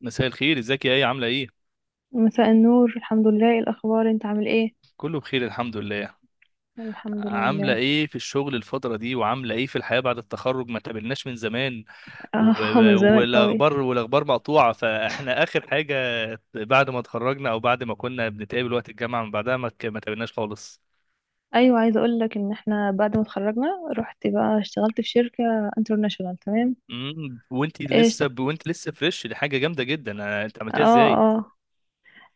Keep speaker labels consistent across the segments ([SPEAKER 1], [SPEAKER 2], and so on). [SPEAKER 1] مساء الخير، ازيك يا ايه؟ عامله ايه؟
[SPEAKER 2] مساء النور، الحمد لله. إيه الاخبار؟ انت عامل ايه؟
[SPEAKER 1] كله بخير الحمد لله.
[SPEAKER 2] الحمد
[SPEAKER 1] عامله
[SPEAKER 2] لله.
[SPEAKER 1] ايه في الشغل الفتره دي وعامله ايه في الحياه بعد التخرج؟ ما تقابلناش من زمان.
[SPEAKER 2] اه، من زمان قوي.
[SPEAKER 1] والاخبار، مقطوعه. فاحنا اخر حاجه بعد ما اتخرجنا، او بعد ما كنا بنتقابل وقت الجامعه، من بعدها ما تقابلناش خالص.
[SPEAKER 2] ايوه، عايزه اقول لك ان احنا بعد ما اتخرجنا رحت بقى اشتغلت في شركه انترناشونال. تمام.
[SPEAKER 1] وانت
[SPEAKER 2] ايش؟
[SPEAKER 1] لسه وانت لسه فريش، دي حاجه جامده جدا. انت عملتها
[SPEAKER 2] اه.
[SPEAKER 1] ازاي؟
[SPEAKER 2] اه.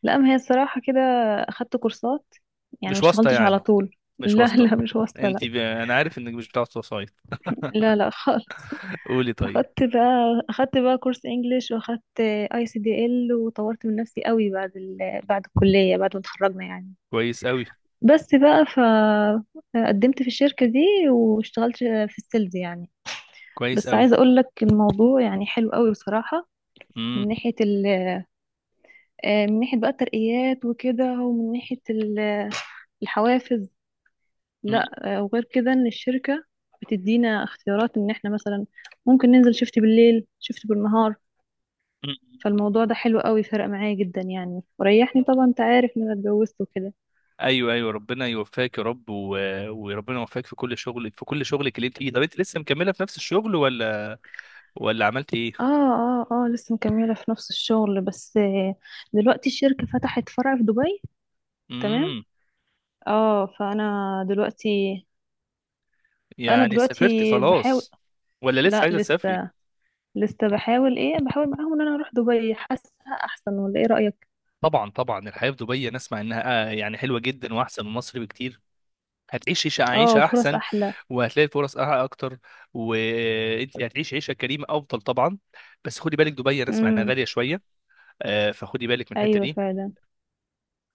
[SPEAKER 2] لا، ما هي الصراحه كده، اخدت كورسات، يعني ما
[SPEAKER 1] مش واسطه
[SPEAKER 2] اشتغلتش على
[SPEAKER 1] يعني؟
[SPEAKER 2] طول.
[SPEAKER 1] مش
[SPEAKER 2] لا،
[SPEAKER 1] واسطه؟
[SPEAKER 2] لا، مش واصله، لا.
[SPEAKER 1] انا عارف انك مش بتاع وسايط.
[SPEAKER 2] لا لا خالص.
[SPEAKER 1] قولي طيب.
[SPEAKER 2] اخدت بقى كورس انجليش، واخدت اي سي دي ال، وطورت من نفسي قوي بعد بعد الكليه، بعد ما اتخرجنا يعني.
[SPEAKER 1] كويس قوي.
[SPEAKER 2] بس بقى فقدمت في الشركة دي واشتغلت في السيلز يعني.
[SPEAKER 1] كويس
[SPEAKER 2] بس
[SPEAKER 1] قوي.
[SPEAKER 2] عايزة اقول لك الموضوع يعني حلو قوي بصراحة. من ناحية ال من ناحية بقى الترقيات وكده، ومن ناحية الحوافز.
[SPEAKER 1] امم.
[SPEAKER 2] لا، وغير كده ان الشركة بتدينا اختيارات ان احنا مثلا ممكن ننزل شفت بالليل شفت بالنهار. فالموضوع ده حلو قوي، فرق معايا جدا يعني، وريحني. طبعا انت عارف ان انا اتجوزت وكده.
[SPEAKER 1] ايوه، ايوه ربنا يوفقك يا رب، وربنا يوفقك في كل شغل، في كل شغلك اللي انت فيه. طب انت لسه مكمله في نفس الشغل ولا ولا عملت ايه؟
[SPEAKER 2] اه اه اه، لسه مكملة في نفس الشغل. بس دلوقتي الشركة فتحت فرع في دبي. تمام.
[SPEAKER 1] امم.
[SPEAKER 2] اه، دلوقتي فانا
[SPEAKER 1] يعني سافرت
[SPEAKER 2] دلوقتي بحاول.
[SPEAKER 1] خلاص ولا لسه
[SPEAKER 2] لا،
[SPEAKER 1] عايزه تسافري؟
[SPEAKER 2] لسه. لسه بحاول معاهم ان انا اروح دبي. حاسة احسن، ولا ايه رأيك؟
[SPEAKER 1] طبعا طبعا، الحياه في دبي انا اسمع انها يعني حلوه جدا واحسن من مصر بكتير. هتعيش
[SPEAKER 2] اه،
[SPEAKER 1] عيشه
[SPEAKER 2] وفرص
[SPEAKER 1] احسن،
[SPEAKER 2] احلى.
[SPEAKER 1] وهتلاقي اكتر، وانت هتعيش عيشه كريمه افضل طبعا. بس خدي بالك، دبي انا اسمع انها
[SPEAKER 2] امم.
[SPEAKER 1] غاليه شويه. فخدي بالك من الحته
[SPEAKER 2] ايوه،
[SPEAKER 1] دي.
[SPEAKER 2] فعلا.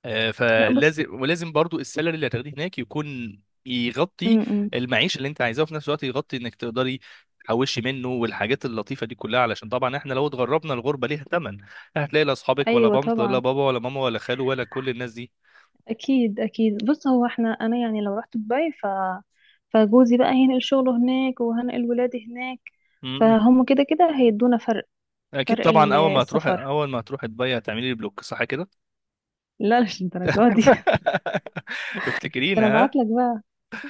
[SPEAKER 2] لا، بص.
[SPEAKER 1] فلازم، ولازم برضو السالري اللي هتاخديه هناك يكون يغطي
[SPEAKER 2] امم.
[SPEAKER 1] المعيشة اللي انت عايزاها، وفي نفس الوقت يغطي انك تقدري تحوشي منه والحاجات اللطيفة دي كلها. علشان طبعا احنا لو اتغربنا، الغربة ليها ثمن. هتلاقي لا اصحابك ولا
[SPEAKER 2] ايوه
[SPEAKER 1] بنت ولا
[SPEAKER 2] طبعا.
[SPEAKER 1] بابا ولا ماما ولا خالو ولا كل الناس دي.
[SPEAKER 2] اكيد اكيد، بص هو احنا انا يعني لو رحت دبي، فجوزي بقى هينقل شغله هناك، وهنقل ولادي هناك.
[SPEAKER 1] مم.
[SPEAKER 2] فهم كده كده هيدونا فرق.
[SPEAKER 1] اكيد
[SPEAKER 2] فرق
[SPEAKER 1] طبعا. اول ما هتروح،
[SPEAKER 2] السفر.
[SPEAKER 1] دبي هتعملي لي بلوك، صح كده؟
[SPEAKER 2] لا، مش الدرجات دي. ده انا
[SPEAKER 1] افتكرينا ها.
[SPEAKER 2] ابعت لك بقى.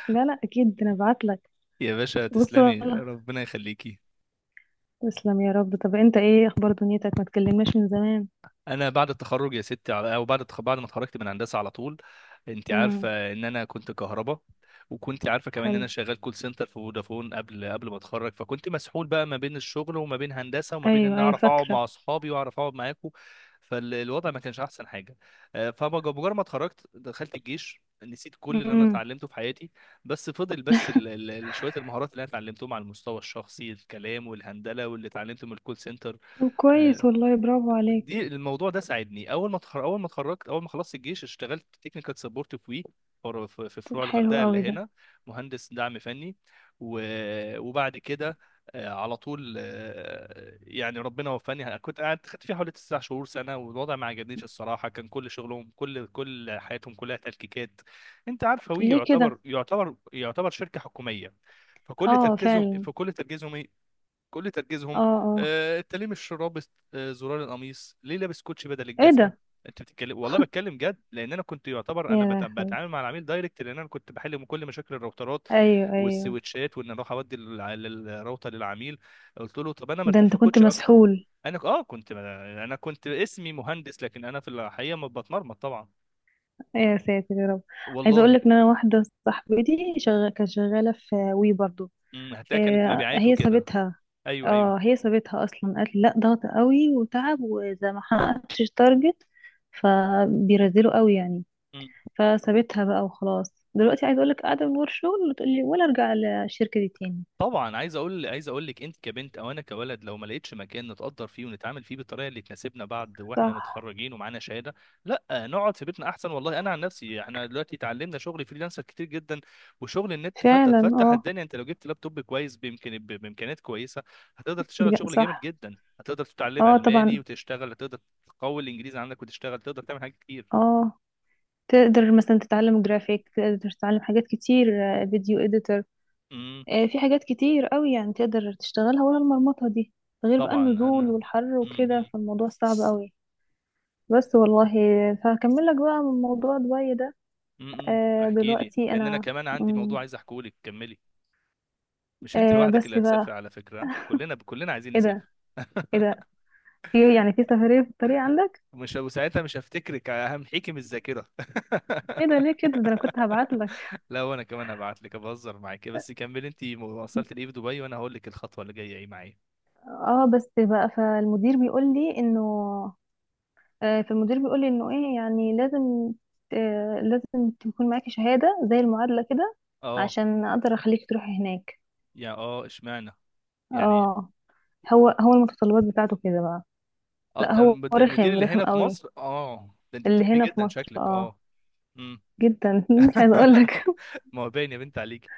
[SPEAKER 2] لا لا، اكيد ده انا ابعت لك.
[SPEAKER 1] يا باشا
[SPEAKER 2] بص
[SPEAKER 1] تسلمي،
[SPEAKER 2] والله.
[SPEAKER 1] ربنا يخليكي.
[SPEAKER 2] تسلم يا رب. طب انت ايه اخبار دنيتك؟ ما تكلمناش من زمان.
[SPEAKER 1] انا بعد التخرج يا ستي او بعد ما اتخرجت من هندسه، على طول انت
[SPEAKER 2] امم.
[SPEAKER 1] عارفه ان انا كنت كهرباء، وكنت عارفه كمان ان
[SPEAKER 2] حلو.
[SPEAKER 1] انا شغال كول سنتر في فودافون قبل ما اتخرج. فكنت مسحول بقى ما بين الشغل، وما بين هندسه، وما بين
[SPEAKER 2] ايوه
[SPEAKER 1] ان
[SPEAKER 2] ايوه،
[SPEAKER 1] اعرف اقعد
[SPEAKER 2] فاكره.
[SPEAKER 1] مع اصحابي واعرف اقعد معاكم. فالوضع ما كانش احسن حاجه. فمجرد ما اتخرجت دخلت الجيش، نسيت كل اللي انا
[SPEAKER 2] امم.
[SPEAKER 1] اتعلمته في حياتي. بس فضل بس شويه المهارات اللي انا اتعلمتهم على المستوى الشخصي، الكلام والهندله، واللي اتعلمته من الكول سنتر.
[SPEAKER 2] طب كويس والله، برافو عليك.
[SPEAKER 1] دي الموضوع ده ساعدني. اول ما اتخرجت، اول ما خلصت الجيش اشتغلت تكنيكال سبورت في وي، في فروع
[SPEAKER 2] حلو
[SPEAKER 1] الغردقه
[SPEAKER 2] قوي
[SPEAKER 1] اللي
[SPEAKER 2] ده.
[SPEAKER 1] هنا، مهندس دعم فني. وبعد كده، على طول، يعني ربنا وفاني. كنت قاعد، خدت فيها حوالي 9 شهور سنه، والوضع ما عجبنيش الصراحه. كان كل شغلهم، كل حياتهم كلها تلكيكات. انت عارفه وي
[SPEAKER 2] ليه
[SPEAKER 1] يعتبر،
[SPEAKER 2] كده؟
[SPEAKER 1] شركه حكوميه. فكل
[SPEAKER 2] اه
[SPEAKER 1] تركيزهم،
[SPEAKER 2] فعلا.
[SPEAKER 1] فكل تركيزهم كل
[SPEAKER 2] اه.
[SPEAKER 1] تركيزهم
[SPEAKER 2] اه.
[SPEAKER 1] انت ليه مش رابط زرار القميص؟ ليه لابس كوتشي بدل
[SPEAKER 2] ايه
[SPEAKER 1] الجزمه؟
[SPEAKER 2] ده؟
[SPEAKER 1] انت بتتكلم والله، بتكلم جد، لان انا كنت يعتبر
[SPEAKER 2] يا
[SPEAKER 1] انا بتعامل
[SPEAKER 2] لهوي.
[SPEAKER 1] مع العميل دايركت، لان انا كنت بحل كل مشاكل الراوترات
[SPEAKER 2] ايوه ايوه.
[SPEAKER 1] والسويتشات، وان اروح اودي الراوتر للعميل. قلت له طب انا
[SPEAKER 2] ده
[SPEAKER 1] مرتاح
[SPEAKER 2] انت
[SPEAKER 1] في
[SPEAKER 2] كنت
[SPEAKER 1] كوتشي اكتر.
[SPEAKER 2] مسحول.
[SPEAKER 1] انا ك- اه كنت، انا كنت اسمي مهندس، لكن انا في الحقيقه ما بتمرمط طبعا.
[SPEAKER 2] يا ساتر يا رب. عايزه اقول
[SPEAKER 1] والله.
[SPEAKER 2] لك ان انا واحده صاحبتي كانت شغاله في وي برضو.
[SPEAKER 1] مم، هتلاقي كانت مبيعات
[SPEAKER 2] هي
[SPEAKER 1] وكده.
[SPEAKER 2] سابتها.
[SPEAKER 1] ايوه ايوه.
[SPEAKER 2] اه، هي سابتها اصلا، قالت لي لا، ضغط قوي وتعب، وزي ما حققتش التارجت، فبيرزلوا قوي يعني. فسابتها بقى وخلاص. دلوقتي عايز اقول لك قاعده من ورا شغل، وتقول لي ولا ارجع للشركه دي تاني؟
[SPEAKER 1] طبعا، عايز اقول لك، انت كبنت او انا كولد، لو ما لقيتش مكان نتقدر فيه ونتعامل فيه بالطريقه اللي تناسبنا بعد واحنا
[SPEAKER 2] صح،
[SPEAKER 1] متخرجين ومعانا شهاده، لا نقعد في بيتنا احسن والله. انا عن نفسي، احنا دلوقتي اتعلمنا شغل فريلانسر كتير جدا، وشغل النت
[SPEAKER 2] فعلا.
[SPEAKER 1] فتح
[SPEAKER 2] اه،
[SPEAKER 1] الدنيا. انت لو جبت لابتوب كويس بامكانيات كويسه هتقدر تشتغل شغل جامد
[SPEAKER 2] صح.
[SPEAKER 1] جدا، هتقدر تتعلم
[SPEAKER 2] اه
[SPEAKER 1] الماني
[SPEAKER 2] طبعا.
[SPEAKER 1] وتشتغل، هتقدر تقوي الانجليزي عندك وتشتغل، تقدر تعمل حاجات كتير.
[SPEAKER 2] اه، تقدر مثلا تتعلم جرافيك، تقدر تتعلم حاجات كتير. فيديو اديتور.
[SPEAKER 1] امم.
[SPEAKER 2] في حاجات كتير قوي يعني تقدر تشتغلها، ولا المرمطه دي؟ غير بقى
[SPEAKER 1] طبعا.
[SPEAKER 2] النزول
[SPEAKER 1] انا
[SPEAKER 2] والحر
[SPEAKER 1] امم
[SPEAKER 2] وكده،
[SPEAKER 1] امم
[SPEAKER 2] فالموضوع صعب قوي. بس والله. فهكمل لك بقى من موضوع دبي ده.
[SPEAKER 1] احكي لي،
[SPEAKER 2] دلوقتي
[SPEAKER 1] لان انا
[SPEAKER 2] انا،
[SPEAKER 1] كمان عندي موضوع عايز احكيه لك. كملي. مش انت لوحدك اللي
[SPEAKER 2] بس بقى.
[SPEAKER 1] هتسافر على فكرة، كلنا، كلنا عايزين
[SPEAKER 2] ايه
[SPEAKER 1] نسافر.
[SPEAKER 2] ده؟ ايه ده؟ يعني في سفرية في الطريق عندك؟
[SPEAKER 1] مش وساعتها مش هفتكرك، همحيكي من الذاكرة.
[SPEAKER 2] ايه ده؟ ليه كده؟ ده انا كنت هبعت لك.
[SPEAKER 1] لا، وانا كمان هبعت لك، بهزر معاك. بس كملي انت وصلت لايه في دبي، وانا هقول لك الخطوة اللي جاية ايه معايا.
[SPEAKER 2] اه، بس بقى، فالمدير بيقول لي انه ايه يعني لازم تكون معاكي شهادة زي المعادلة كده،
[SPEAKER 1] اه.
[SPEAKER 2] عشان اقدر اخليك تروحي هناك.
[SPEAKER 1] يا اه اشمعنى يعني؟
[SPEAKER 2] اه، هو المتطلبات بتاعته كده بقى.
[SPEAKER 1] اه،
[SPEAKER 2] لا، هو
[SPEAKER 1] ده المدير
[SPEAKER 2] رخم
[SPEAKER 1] اللي
[SPEAKER 2] رخم
[SPEAKER 1] هنا في
[SPEAKER 2] قوي
[SPEAKER 1] مصر، اه. ده انت
[SPEAKER 2] اللي
[SPEAKER 1] بتحبيه
[SPEAKER 2] هنا في
[SPEAKER 1] جدا
[SPEAKER 2] مصر.
[SPEAKER 1] شكلك،
[SPEAKER 2] اه،
[SPEAKER 1] اه. امم.
[SPEAKER 2] جدا. مش عايزه اقول لك.
[SPEAKER 1] ما هو باين يا بنت عليك.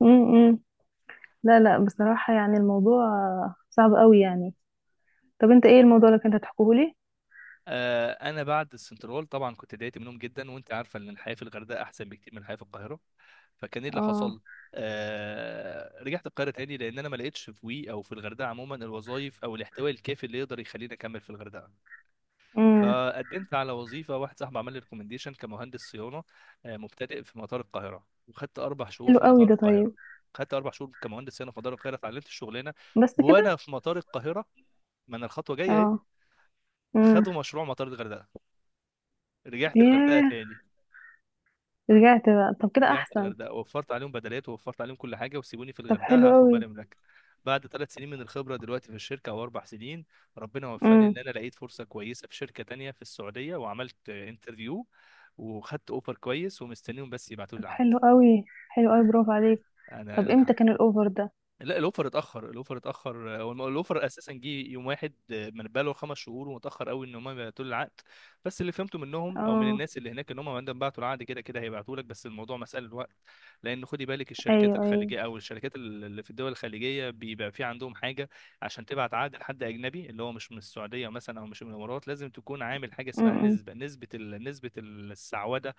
[SPEAKER 2] م- م. لا لا، بصراحه يعني الموضوع صعب قوي يعني. طب انت ايه الموضوع اللي كنت هتحكيه لي؟
[SPEAKER 1] انا بعد السنترول طبعا كنت ضايقت منهم جدا، وانت عارفه ان الحياه في الغردقه احسن بكتير من الحياه في القاهره. فكان ايه اللي
[SPEAKER 2] اه.
[SPEAKER 1] حصل؟ رجعت القاهره تاني، لان انا ما لقيتش في وي او في الغردقه عموما الوظائف او الاحتواء الكافي اللي يقدر يخليني اكمل في الغردقه.
[SPEAKER 2] امم.
[SPEAKER 1] فقدمت على وظيفه، واحد صاحبي عمل لي ريكومنديشن كمهندس صيانه مبتدئ في مطار القاهره، وخدت 4 شهور
[SPEAKER 2] حلو
[SPEAKER 1] في
[SPEAKER 2] قوي
[SPEAKER 1] مطار
[SPEAKER 2] ده، طيب.
[SPEAKER 1] القاهره. خدت 4 شهور كمهندس صيانه في مطار القاهره، اتعلمت الشغلانه،
[SPEAKER 2] بس كده.
[SPEAKER 1] وانا في مطار القاهره ما انا الخطوه جايه اهي.
[SPEAKER 2] اه. امم.
[SPEAKER 1] خدوا مشروع مطار الغردقه، رجعت الغردقه
[SPEAKER 2] ياه.
[SPEAKER 1] تاني.
[SPEAKER 2] رجعت بقى؟ طب كده
[SPEAKER 1] رجعت
[SPEAKER 2] احسن.
[SPEAKER 1] الغردقه، وفرت عليهم بدلات، ووفرت عليهم كل حاجه، وسيبوني في
[SPEAKER 2] طب حلو
[SPEAKER 1] الغردقه هاخد
[SPEAKER 2] قوي.
[SPEAKER 1] بالي من الاكل. بعد 3 سنين من الخبره دلوقتي في الشركه، او 4 سنين، ربنا وفقني ان
[SPEAKER 2] امم.
[SPEAKER 1] انا لقيت فرصه كويسه في شركه تانية في السعوديه، وعملت انترفيو، وخدت اوفر كويس، ومستنيهم بس يبعتوا لي
[SPEAKER 2] طب
[SPEAKER 1] العقد.
[SPEAKER 2] حلو قوي، حلو قوي، برافو عليك. طب
[SPEAKER 1] انا
[SPEAKER 2] امتى كان الاوفر ده؟
[SPEAKER 1] لا الاوفر اتاخر، الاوفر اتاخر. الاوفر اساسا جه يوم واحد من بقاله 5 شهور، ومتاخر قوي ان هم يبعتوا لي العقد. بس اللي فهمته منهم او من
[SPEAKER 2] اه.
[SPEAKER 1] الناس اللي هناك، ان هم عندما بعتوا العقد كده كده هيبعتوا لك، بس الموضوع مساله وقت. لان خدي بالك الشركات
[SPEAKER 2] ايوه ايوه.
[SPEAKER 1] الخليجيه او الشركات اللي في الدول الخليجيه بيبقى في عندهم حاجه. عشان تبعت عقد لحد اجنبي، اللي هو مش من السعوديه مثلا او مش من الامارات، لازم تكون عامل حاجه اسمها
[SPEAKER 2] امم.
[SPEAKER 1] نسبه، نسبه السعوده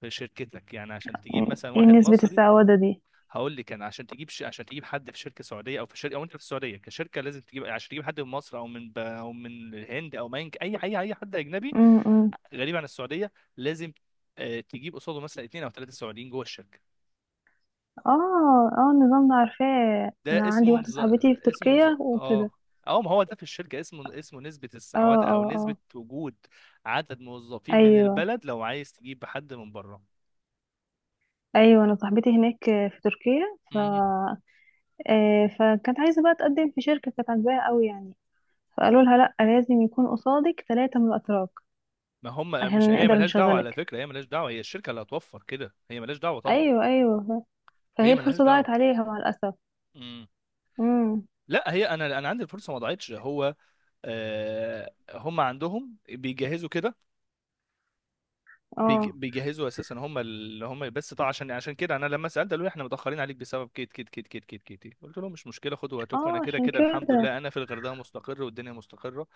[SPEAKER 1] في شركتك. يعني عشان تجيب مثلا
[SPEAKER 2] ايه
[SPEAKER 1] واحد
[SPEAKER 2] نسبة
[SPEAKER 1] مصري،
[SPEAKER 2] السعودة دي؟
[SPEAKER 1] هقول لك انا، عشان تجيب حد في شركه سعوديه، او انت في السعوديه كشركه، لازم تجيب، عشان تجيب حد من مصر او من الهند او من اي حد اجنبي
[SPEAKER 2] امم.
[SPEAKER 1] غريب عن السعوديه، لازم تجيب قصاده مثلا اثنين او ثلاثه سعوديين جوه الشركه.
[SPEAKER 2] اه اه، النظام ده عارفاه،
[SPEAKER 1] ده
[SPEAKER 2] انا عندي
[SPEAKER 1] اسمه
[SPEAKER 2] واحده
[SPEAKER 1] نز...
[SPEAKER 2] صاحبتي في
[SPEAKER 1] اسمه نز...
[SPEAKER 2] تركيا وكده.
[SPEAKER 1] اه اه، ما هو ده في الشركه اسمه، اسمه نسبه
[SPEAKER 2] اه.
[SPEAKER 1] السعوده او
[SPEAKER 2] اه.
[SPEAKER 1] نسبه
[SPEAKER 2] اه.
[SPEAKER 1] وجود عدد موظفين من
[SPEAKER 2] ايوه
[SPEAKER 1] البلد لو عايز تجيب حد من بره.
[SPEAKER 2] ايوه، انا صاحبتي هناك في تركيا ف
[SPEAKER 1] مم.
[SPEAKER 2] آه فكانت عايزه بقى تقدم في شركه كانت عاجباها قوي يعني. فقالوا لها لا، لازم يكون قصادك ثلاثه من الاتراك،
[SPEAKER 1] ما هم، مش
[SPEAKER 2] عشان
[SPEAKER 1] هي
[SPEAKER 2] نقدر
[SPEAKER 1] ملهاش دعوه على
[SPEAKER 2] نشغلك.
[SPEAKER 1] فكره، هي ملهاش دعوه، هي الشركه اللي هتوفر كده، هي ملهاش دعوه طبعا.
[SPEAKER 2] ايوه ايوه، فهي
[SPEAKER 1] هي ملهاش
[SPEAKER 2] الفرصه
[SPEAKER 1] دعوه.
[SPEAKER 2] ضاعت عليها مع الاسف.
[SPEAKER 1] مم.
[SPEAKER 2] امم.
[SPEAKER 1] لا هي، انا عندي الفرصه ما ضاعتش. هو آه هم عندهم بيجهزوا كده،
[SPEAKER 2] اه
[SPEAKER 1] بيجهزوا اساسا هم، اللي هم. بس طبعا عشان، عشان كده انا لما سالت قالوا لي احنا متاخرين عليك بسبب كيت كيت كيت كيت كيت كيت. قلت لهم مش مشكله، خدوا وقتكم، انا
[SPEAKER 2] اه،
[SPEAKER 1] كده
[SPEAKER 2] عشان
[SPEAKER 1] كده الحمد لله
[SPEAKER 2] كده
[SPEAKER 1] انا في الغردقه مستقر والدنيا مستقره.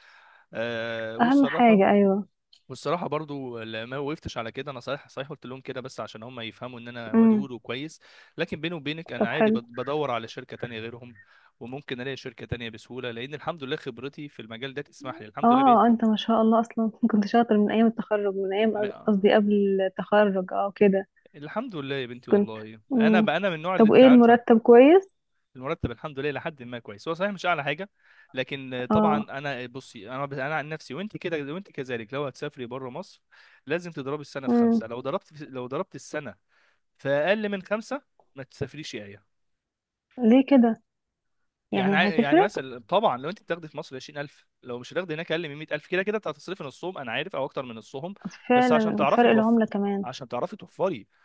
[SPEAKER 1] آه
[SPEAKER 2] اهم
[SPEAKER 1] والصراحه
[SPEAKER 2] حاجه. ايوه.
[SPEAKER 1] والصراحة برضو ما وقفتش على كده، انا صحيح صحيح قلت لهم كده بس عشان هم يفهموا ان انا
[SPEAKER 2] امم.
[SPEAKER 1] ودود وكويس، لكن بيني وبينك انا
[SPEAKER 2] طب
[SPEAKER 1] عادي
[SPEAKER 2] حلو.
[SPEAKER 1] بدور على شركة تانية غيرهم، وممكن الاقي شركة تانية بسهولة لان الحمد لله خبرتي في المجال ده تسمح لي الحمد لله. بقيت
[SPEAKER 2] اه، انت ما شاء الله اصلا. كنت شاطر من
[SPEAKER 1] م...
[SPEAKER 2] ايام، قصدي، قبل التخرج، اه كده.
[SPEAKER 1] الحمد لله يا بنتي،
[SPEAKER 2] كنت.
[SPEAKER 1] والله انا
[SPEAKER 2] مم.
[SPEAKER 1] بقى انا من النوع اللي
[SPEAKER 2] طب
[SPEAKER 1] انت
[SPEAKER 2] وايه
[SPEAKER 1] عارفة.
[SPEAKER 2] المرتب؟ كويس.
[SPEAKER 1] المرتب الحمد لله لحد ما كويس، هو صحيح مش اعلى حاجة، لكن طبعا
[SPEAKER 2] اه.
[SPEAKER 1] انا بصي، انا عن نفسي، وانت كده وانت كذلك، لو هتسافري بره مصر لازم تضربي السنة في 5.
[SPEAKER 2] مم.
[SPEAKER 1] لو ضربت السنة فاقل من 5 ما تسافريش. ايه
[SPEAKER 2] ليه كده؟
[SPEAKER 1] يعني؟
[SPEAKER 2] يعني
[SPEAKER 1] يعني
[SPEAKER 2] هتفرق.
[SPEAKER 1] مثلا طبعا لو انت بتاخدي في مصر 20000، لو مش هتاخدي هناك اقل من 100000، كده كده انت هتصرفي نصهم انا عارف، او اكتر من نصهم. بس عشان
[SPEAKER 2] فعلا،
[SPEAKER 1] تعرفي
[SPEAKER 2] الفرق
[SPEAKER 1] توفري،
[SPEAKER 2] العملة كمان.
[SPEAKER 1] عشان تعرفي توفري.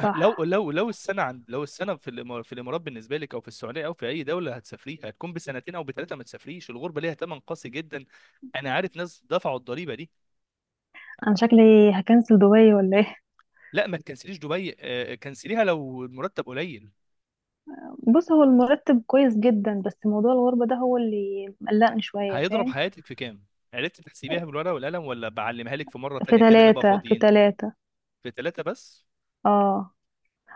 [SPEAKER 1] لو السنه عند لو السنه في الامارات بالنسبه لك، او في السعوديه، او في اي دوله هتسافريها هتكون بسنتين او بثلاثه، ما تسافريش. الغربه ليها ثمن قاسي جدا، انا عارف ناس دفعوا الضريبه دي.
[SPEAKER 2] انا شكلي هكنسل دبي، ولا ايه؟
[SPEAKER 1] لا ما تكنسليش دبي، كنسليها لو المرتب قليل،
[SPEAKER 2] بص هو المرتب كويس جدا، بس موضوع الغربة ده هو اللي مقلقني شوية،
[SPEAKER 1] هيضرب
[SPEAKER 2] فاهم؟
[SPEAKER 1] حياتك في كام. عرفت تحسبيها بالورقه والقلم ولا بعلمها لك في مره
[SPEAKER 2] في
[SPEAKER 1] تانية كده نبقى
[SPEAKER 2] ثلاثة، في
[SPEAKER 1] فاضيين؟
[SPEAKER 2] ثلاثة.
[SPEAKER 1] في ثلاثه بس.
[SPEAKER 2] اه،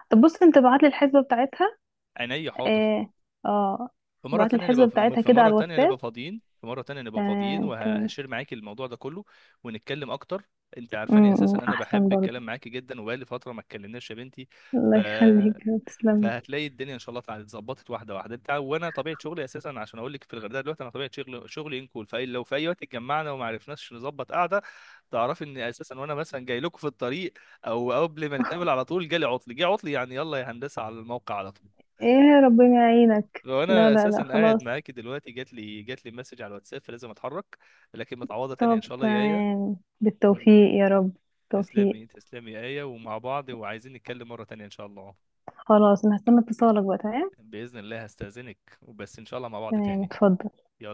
[SPEAKER 2] طب بص، انت بعتلي الحسبة بتاعتها.
[SPEAKER 1] عينيا حاضر.
[SPEAKER 2] ايه. اه. بعت الحسبة بتاعتها
[SPEAKER 1] في
[SPEAKER 2] كده على
[SPEAKER 1] مره تانية
[SPEAKER 2] الواتساب.
[SPEAKER 1] نبقى فاضيين،
[SPEAKER 2] تمام، تمام.
[SPEAKER 1] وهشير معاكي الموضوع ده كله، ونتكلم اكتر. انت عارفاني
[SPEAKER 2] أمم،
[SPEAKER 1] اساسا انا
[SPEAKER 2] احسن
[SPEAKER 1] بحب
[SPEAKER 2] برضه.
[SPEAKER 1] الكلام معاكي جدا، وبقالي فتره ما اتكلمناش يا بنتي.
[SPEAKER 2] الله
[SPEAKER 1] ف،
[SPEAKER 2] يخليك، تسلم.
[SPEAKER 1] فهتلاقي الدنيا ان شاء الله اتظبطت واحده واحده. وانا طبيعه شغلي اساسا، عشان اقول لك في الغردقه دلوقتي، انا طبيعه شغلي، شغلي انكول. فاي لو في اي وقت اتجمعنا وما عرفناش نظبط قعده، تعرفي ان اساسا وانا مثلا جاي لكم في الطريق او قبل ما نتقابل على طول جالي عطل، جه عطل يعني يلا يا هندسه على الموقع على طول.
[SPEAKER 2] ايه، ربنا يعينك. لا
[SPEAKER 1] وانا
[SPEAKER 2] لا
[SPEAKER 1] اساسا
[SPEAKER 2] لا،
[SPEAKER 1] قاعد
[SPEAKER 2] خلاص.
[SPEAKER 1] معاكي دلوقتي جات لي مسج على الواتساب، فلازم اتحرك. لكن متعوضه تانية ان
[SPEAKER 2] طب
[SPEAKER 1] شاء الله يا ايه.
[SPEAKER 2] تمام،
[SPEAKER 1] ون-
[SPEAKER 2] بالتوفيق يا رب. بالتوفيق.
[SPEAKER 1] تسلمي، تسلمي يا ايه، ومع بعض، وعايزين نتكلم مره تانية ان شاء الله.
[SPEAKER 2] خلاص، انا هستنى اتصالك بقى. تمام.
[SPEAKER 1] باذن الله هستاذنك، وبس ان شاء الله مع بعض
[SPEAKER 2] تمام،
[SPEAKER 1] تاني.
[SPEAKER 2] اتفضل.
[SPEAKER 1] يلا.